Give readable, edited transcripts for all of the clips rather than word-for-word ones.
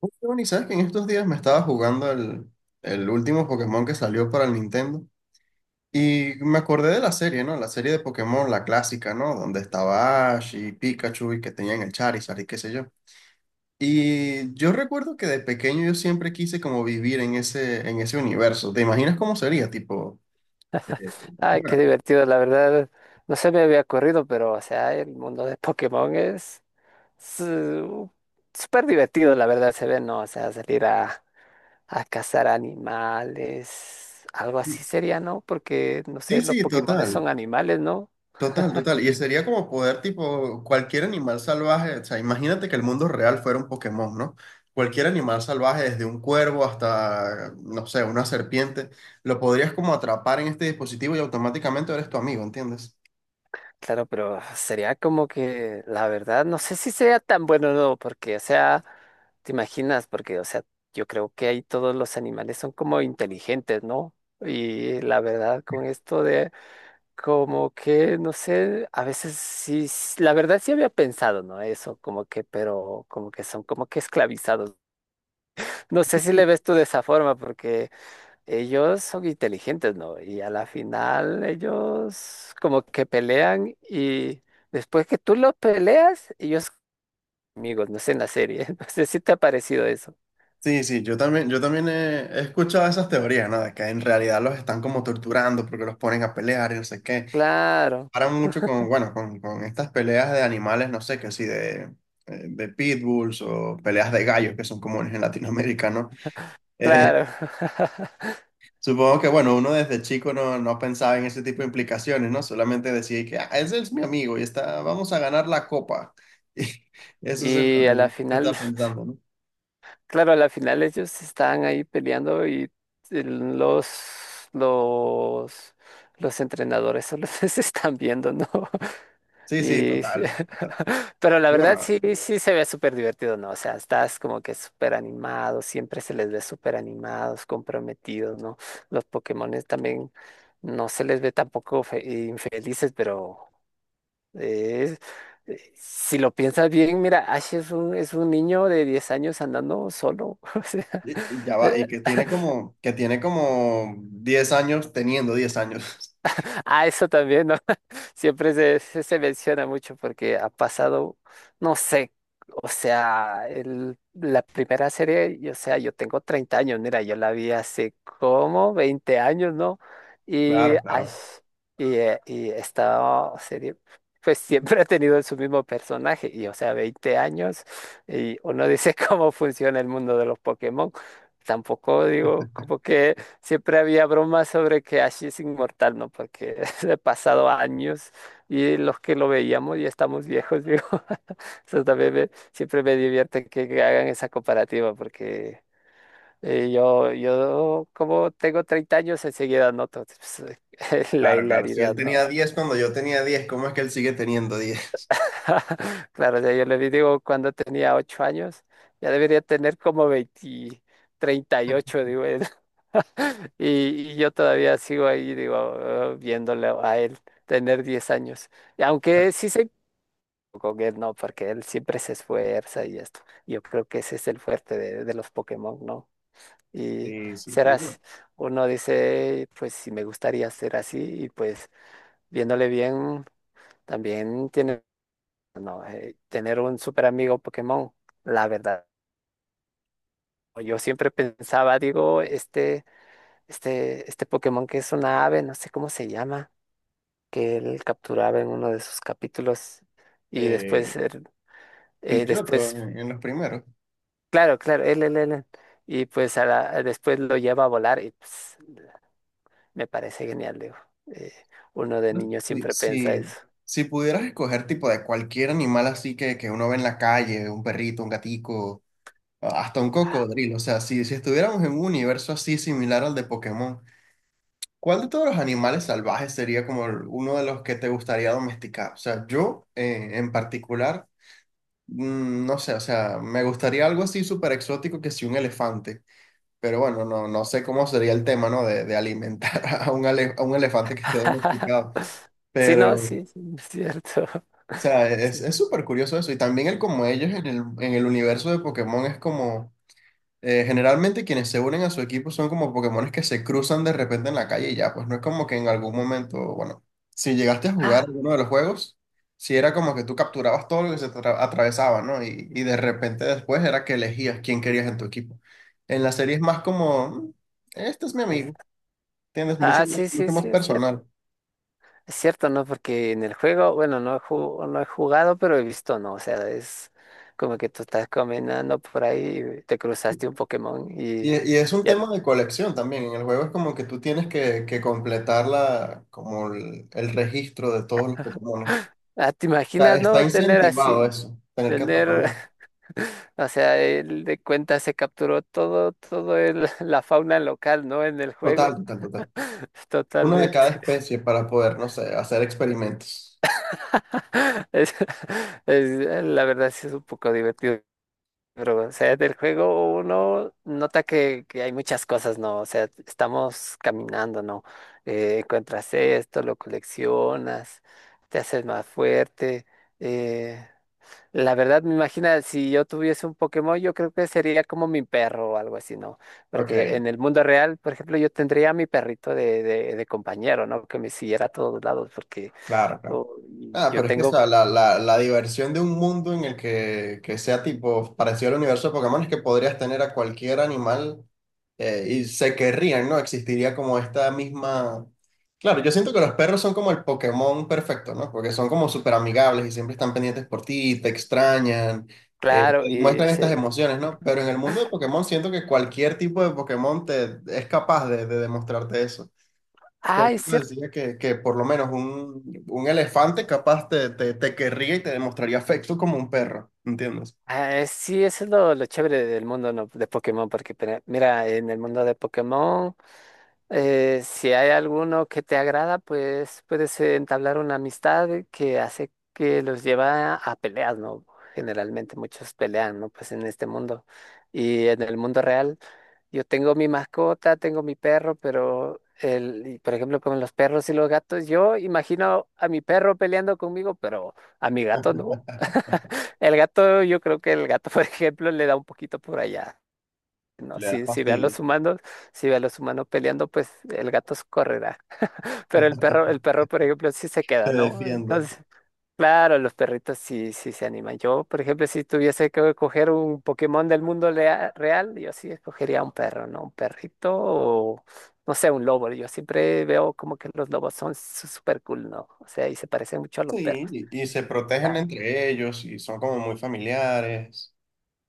Oye, Giovanni, ¿sabes que en estos días me estaba jugando el último Pokémon que salió para el Nintendo? Y me acordé de la serie, ¿no? La serie de Pokémon, la clásica, ¿no? Donde estaba Ash y Pikachu y que tenían el Charizard y qué sé yo. Y yo recuerdo que de pequeño yo siempre quise como vivir en ese universo. ¿Te imaginas cómo sería? Tipo, eh, Ay, bueno, qué divertido, la verdad. No se me había ocurrido, pero, o sea, el mundo de Pokémon es su- súper divertido, la verdad, se ve, ¿no? O sea, salir a cazar animales, algo sí, así sería, ¿no? Porque, no sí, sé, los sí, Pokémones total. son animales, ¿no? Total, total. Y sería como poder, tipo, cualquier animal salvaje. O sea, imagínate que el mundo real fuera un Pokémon, ¿no? Cualquier animal salvaje, desde un cuervo hasta, no sé, una serpiente, lo podrías como atrapar en este dispositivo y automáticamente eres tu amigo, ¿entiendes? Claro, pero sería como que, la verdad, no sé si sería tan bueno o no, porque, o sea, te imaginas, porque, o sea, yo creo que ahí todos los animales son como inteligentes, ¿no? Y la verdad, con esto de Como que, no sé, a veces sí, la verdad sí había pensado, ¿no? Eso, como que, pero como que son como que esclavizados. No sé si le ves tú de esa forma, porque ellos son inteligentes, ¿no? Y a la final ellos como que pelean y después que tú los peleas, ellos amigos, no sé, en la serie. No sé si te ha parecido eso. Sí, sí, yo también he escuchado esas teorías, ¿no? De que en realidad los están como torturando porque los ponen a pelear y no sé qué. Claro, Paran mucho con, bueno, con estas peleas de animales, no sé, que sí, de pitbulls o peleas de gallos que son comunes en Latinoamérica, ¿no? Eh, claro. supongo que, bueno, uno desde chico no pensaba en ese tipo de implicaciones, ¿no? Solamente decía que, ah, ese es mi amigo y está, vamos a ganar la copa. Y eso es en Y lo, a en lo la que final está pensando, ¿no? Claro, a la final ellos estaban ahí peleando y el- los, los, los entrenadores solo se están viendo, ¿no? Sí, sí, Y, total. Total. pero la Y verdad bueno, sí, sí se ve súper divertido, ¿no? O sea, estás como que súper animado, siempre se les ve súper animados, comprometidos, ¿no? Los Pokémones también no se les ve tampoco infelices, pero es- Si lo piensas bien, mira, Ash es un niño de 10 años andando solo. O sea, y ya va, y Eh, que tiene como 10 años teniendo 10 años. Ah, eso también, ¿no? Siempre se menciona mucho porque ha pasado, no sé, o sea, el, la primera serie, y, o sea, yo tengo 30 años, mira, yo la vi hace como 20 años, ¿no? Y, Claro, ay, claro, y esta serie, pues siempre ha tenido su mismo personaje, y o sea, 20 años, y uno dice cómo funciona el mundo de los Pokémon. Tampoco digo como que Siempre había bromas sobre que Ash es inmortal, ¿no? Porque he pasado años y los que lo veíamos ya estamos viejos, digo. Eso también siempre me divierte que hagan esa comparativa, porque yo como tengo 30 años, enseguida noto pues, la claro, claro. Si él hilaridad, ¿no? tenía 10 cuando yo tenía 10, ¿cómo es que él sigue teniendo 10? Claro, o sea, yo le digo, cuando tenía 8 años, ya debería tener como 20, 38 digo. Y, y yo todavía sigo ahí, digo, ah, viéndolo a él tener 10 años. Y aunque sí se con él, no, porque él siempre se esfuerza y esto. Yo creo que ese es el fuerte de los Pokémon, ¿no? Y Sí, sí, y bueno, serás, uno dice, pues sí me gustaría ser así, y pues viéndole bien, también tiene, no, tener un super amigo Pokémon, la verdad. Yo siempre pensaba, digo, este Pokémon que es una ave, no sé cómo se llama que él capturaba en uno de sus capítulos y eh, después, Pidgeotto después, en los primeros. Él, y pues a después lo lleva a volar y pues, me parece genial, digo. eh, uno de No, niño Si, siempre piensa si, eso. si pudieras escoger tipo de cualquier animal así que uno ve en la calle, un perrito, un gatico, hasta un cocodrilo, o sea, si estuviéramos en un universo así similar al de Pokémon, ¿cuál de todos los animales salvajes sería como uno de los que te gustaría domesticar? O sea, yo en particular, no sé, o sea, me gustaría algo así súper exótico que si un elefante, pero bueno, no sé cómo sería el tema, ¿no? De alimentar a un elefante que esté domesticado, Sí, no, pero. sí, sí, es cierto. O sea, es súper curioso eso. Y también el como ellos en el universo de Pokémon es como, generalmente quienes se unen a su equipo son como Pokémones que se cruzan de repente en la calle y ya, pues no es como que en algún momento, bueno, si llegaste a jugar Ah, alguno de los juegos, si era como que tú capturabas todo lo que se te atravesaba, ¿no? Y de repente después era que elegías quién querías en tu equipo. En la serie es más como, este es mi eh, amigo, tienes mucho, ah, sí, sí, mucho más sí, es cierto. personal." Es cierto, ¿no? Porque en el juego, bueno, no he jugado, pero he visto, ¿no? O sea, es como que tú estás caminando por ahí, y te cruzaste un Pokémon Y, y y es un ya, tema de colección también. En el juego es como que tú tienes que completar la, como el registro de todos los Pokémon. ah, ¿te está imaginas, está no? Tener incentivado así, eso, tener que tener, atraparlos. o sea, él de cuenta se capturó todo, todo el, la fauna local, ¿no? En el Total, juego, total, total. Uno de totalmente. cada especie para poder, no sé, hacer experimentos. Es, la verdad sí es un poco divertido. Pero, o sea, del juego uno nota que hay muchas cosas, ¿no? O sea, estamos caminando, ¿no? Encuentras esto, lo coleccionas, te haces más fuerte. eh, la verdad, me imagina, si yo tuviese un Pokémon, yo creo que sería como mi perro o algo así, ¿no? Ok, Porque claro, en el mundo real, por ejemplo, yo tendría a mi perrito de compañero, ¿no? Que me siguiera a todos lados, porque claro. oh, Ah, yo pero es que o tengo, sea, la diversión de un mundo en el que sea tipo parecido al universo de Pokémon es que podrías tener a cualquier animal y se querrían, ¿no? Existiría como esta misma. Claro, yo siento que los perros son como el Pokémon perfecto, ¿no? Porque son como súper amigables y siempre están pendientes por ti, te extrañan, te claro, y muestran estas se... emociones, ¿no? Pero en el mundo de Pokémon siento que cualquier tipo de Pokémon es capaz de demostrarte eso. Por Ah, es eso decía que por lo menos un elefante capaz te querría y te demostraría afecto como un perro, ¿entiendes? Ah, sí, eso es lo chévere del mundo, ¿no? de Pokémon, porque pero, mira, en el mundo de Pokémon. Si hay alguno que te agrada, pues puedes entablar una amistad que hace que los lleva a peleas, ¿no? Generalmente muchos pelean, ¿no? Pues en este mundo y en el mundo real. Yo tengo mi mascota, tengo mi perro, pero el, y, por ejemplo, con los perros y los gatos, yo imagino a mi perro peleando conmigo, pero a mi gato no. El gato, yo creo que el gato, por ejemplo, le da un poquito por allá. No, Le da si ve a fastidio, los humanos, si ve a los humanos peleando, pues el gato se correrá. Pero el perro, por ejemplo, sí se te queda, ¿no? defiende. Entonces, claro, los perritos sí, sí se animan. Yo, por ejemplo, si tuviese que escoger un Pokémon del mundo real, yo sí escogería un perro, ¿no? Un perrito o, no sé, un lobo. Yo siempre veo como que los lobos son súper cool, ¿no? O sea, y se parecen mucho a los Sí, perros. y se protegen entre ellos y son como muy familiares.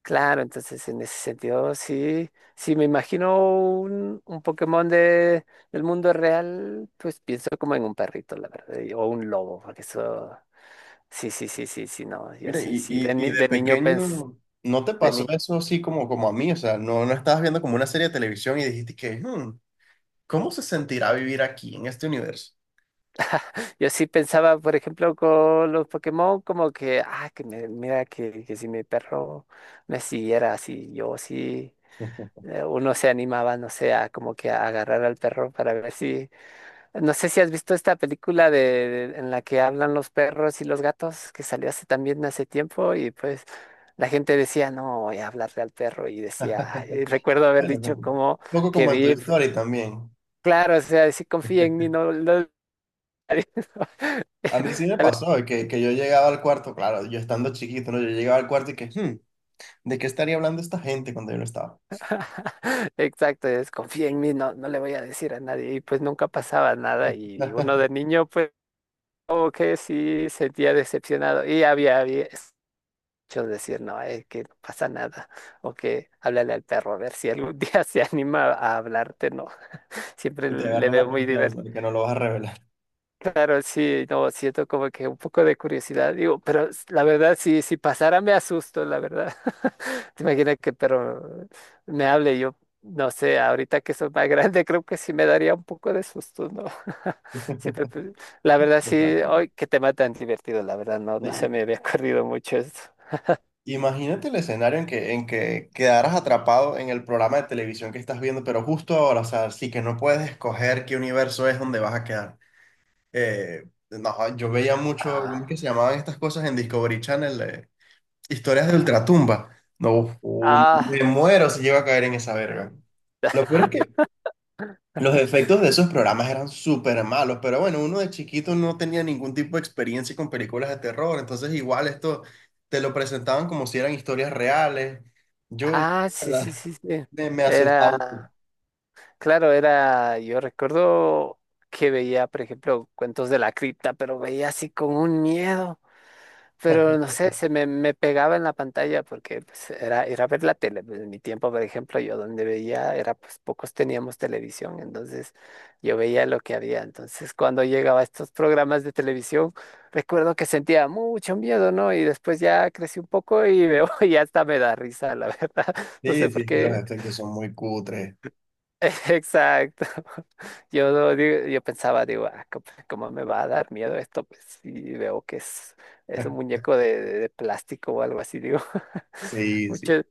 Claro, entonces en ese sentido sí, sí me imagino un Pokémon de, del mundo real, pues pienso como en un perrito, la verdad, y- o un lobo, porque eso, sí, sí, sí, sí, sí, no, yo Mira, sí, y, sí, de, y, y de de niño pens, pequeño, ¿no te de pasó ni- eso así como a mí? O sea, no estabas viendo como una serie de televisión y dijiste que, "Hmm, ¿cómo se sentirá vivir aquí, en este universo?" yo sí pensaba, por ejemplo, con los Pokémon, como que, ah, que mira, que si mi perro me siguiera así, yo sí, uno se animaba, no sé, a como que a agarrar al perro para ver si No sé si has visto esta película de, en la que hablan los perros y los gatos, que salió hace también hace tiempo, y pues la gente decía, no, voy a hablarle al perro, y decía, y recuerdo haber Bueno, dicho un como poco que como en tu vi, historia también. claro, o sea, si confía en mí, no lo... A mí sí me pasó de que yo llegaba al cuarto, claro, yo estando chiquito, ¿no? Yo llegaba al cuarto y que, "Hmm, ¿de qué estaría hablando esta gente cuando yo no estaba?" Exacto, es confía en mí, no, no le voy a decir a nadie, y pues nunca pasaba nada, y uno de niño, pues como que sí sentía decepcionado, y había Yo decir, no, es que no pasa nada. O que háblale al perro a ver si algún día se anima a hablarte, ¿no? Siempre Y te le agarra veo la muy confianza divertido. de que no lo vas a revelar. Claro, sí, no, siento como que un poco de curiosidad, digo, pero la verdad, si pasara me asusto, la verdad. ¿Te imaginas que el perro me hable? Yo, no sé, ahorita que soy más grande, creo que sí me daría un poco de susto, ¿no? Siempre, la verdad, sí, Total, total. hoy que tema tan divertido, la verdad, no, no se Y- me había ocurrido mucho esto. Imagínate el escenario en que quedaras atrapado en el programa de televisión que estás viendo, pero justo ahora, o sea, sí que no puedes escoger qué universo es donde vas a quedar. Eh, no, yo veía mucho, ¿cómo es que Ah, se llamaban estas cosas en Discovery Channel? Historias de Ultratumba. No, Ah. me muero si llego a caer en esa verga. Lo peor es que los efectos de esos programas eran súper malos, pero bueno, uno de chiquito no tenía ningún tipo de experiencia con películas de terror, entonces igual esto te lo presentaban como si eran historias reales. Yo, la Ah, sí, sí, verdad, sí, sí. me asustaba. Era, claro, era, yo recuerdo que veía, por ejemplo, cuentos de la cripta, pero veía así con un miedo. Pero no sé, me pegaba en la pantalla porque pues, era, era ver la tele. Pues, en mi tiempo, por ejemplo, yo donde veía era, pues pocos teníamos televisión, entonces yo veía lo que había. Entonces, cuando llegaba a estos programas de televisión, recuerdo que sentía mucho miedo, ¿no? Y después ya crecí un poco y veo y hasta me da risa, la verdad. No Sí, sé sí, por es que los qué efectos son muy cutres. Exacto. Yo, no digo- yo pensaba, digo, "Ah, co- ¿cómo me va a dar miedo esto? Pues sí, veo que es un muñeco de, de plástico o algo así, digo. Sí, sí. Mucho,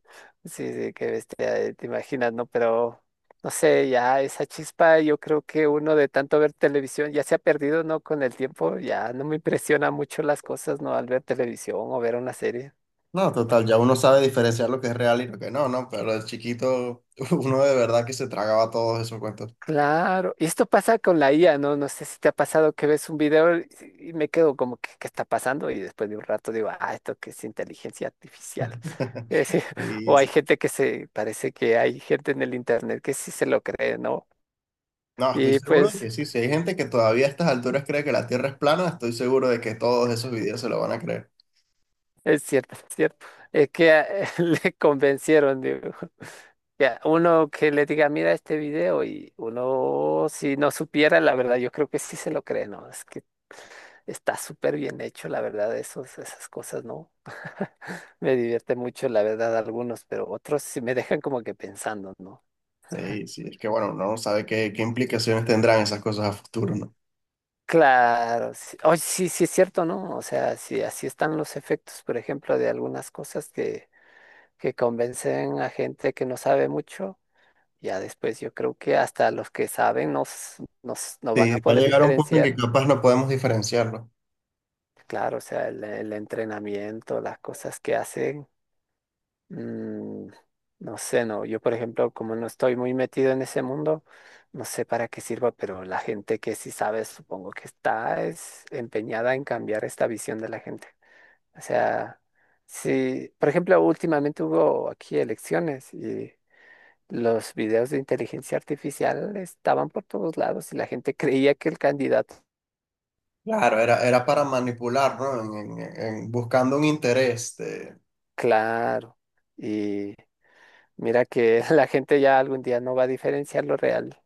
sí, sí, qué bestia, te imaginas, ¿no? Pero, no sé, ya esa chispa, yo creo que uno de tanto ver televisión ya se ha perdido, ¿no? Con el tiempo, ya no me impresiona mucho las cosas, ¿no? Al ver televisión o ver una serie. No, total, ya uno sabe diferenciar lo que es real y lo que no, ¿no? Pero de chiquito, uno de verdad que se tragaba todos esos cuentos. Claro, y esto pasa con la IA, ¿no? No sé si te ha pasado que ves un video y si, y me quedo como que, ¿qué está pasando? Y después de un rato digo, ah, esto que es inteligencia artificial. Es decir, Sí, o hay sí. gente que se, parece que hay gente en el internet que sí se lo cree, ¿no? No, estoy Y seguro de pues que sí. Si hay gente que todavía a estas alturas cree que la Tierra es plana, estoy seguro de que todos esos videos se lo van a creer. es cierto, es cierto, es que le convencieron, digo. Ya, uno que le diga, mira este video y uno, si no supiera, la verdad, yo creo que sí se lo cree, ¿no? Es que está súper bien hecho, la verdad, esos, esas cosas, ¿no? Me divierte mucho, la verdad, algunos, pero otros sí me dejan como que pensando, ¿no? Sí, sí. Es que bueno, uno no sabe qué implicaciones tendrán esas cosas a futuro, ¿no? Claro, sí, Oye, sí, sí es cierto, ¿no? O sea, sí, así están los efectos, por ejemplo, de algunas cosas que convencen a gente que no sabe mucho. Ya después yo creo que hasta los que saben nos, nos, no Sí, van a va a poder llegar un punto en que diferenciar. capaz no podemos diferenciarlo. Claro, o sea, el entrenamiento, las cosas que hacen, mm, no sé, no, yo por ejemplo, como no estoy muy metido en ese mundo, no sé para qué sirva, pero la gente que sí sabe, supongo que está es empeñada en cambiar esta visión de la gente. O sea, sí, por ejemplo, últimamente hubo aquí elecciones y los videos de inteligencia artificial estaban por todos lados y la gente creía que el candidato, Claro, era para manipular, ¿no? En- buscando un interés. Claro. Y Mira que la gente ya algún día no va a diferenciar lo real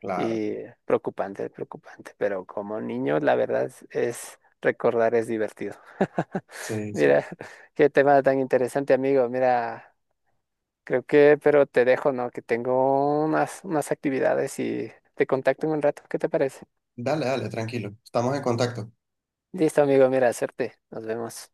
Claro. y preocupante, preocupante, pero como niño la verdad es- recordar es divertido. Sí, sí. Mira, qué tema tan interesante, amigo. Mira, creo que, pero te dejo, ¿no? Que tengo unas, unas actividades y te contacto en un rato. ¿Qué te parece? Dale, dale, tranquilo. Estamos en contacto. Listo, amigo, mira, suerte. Nos vemos.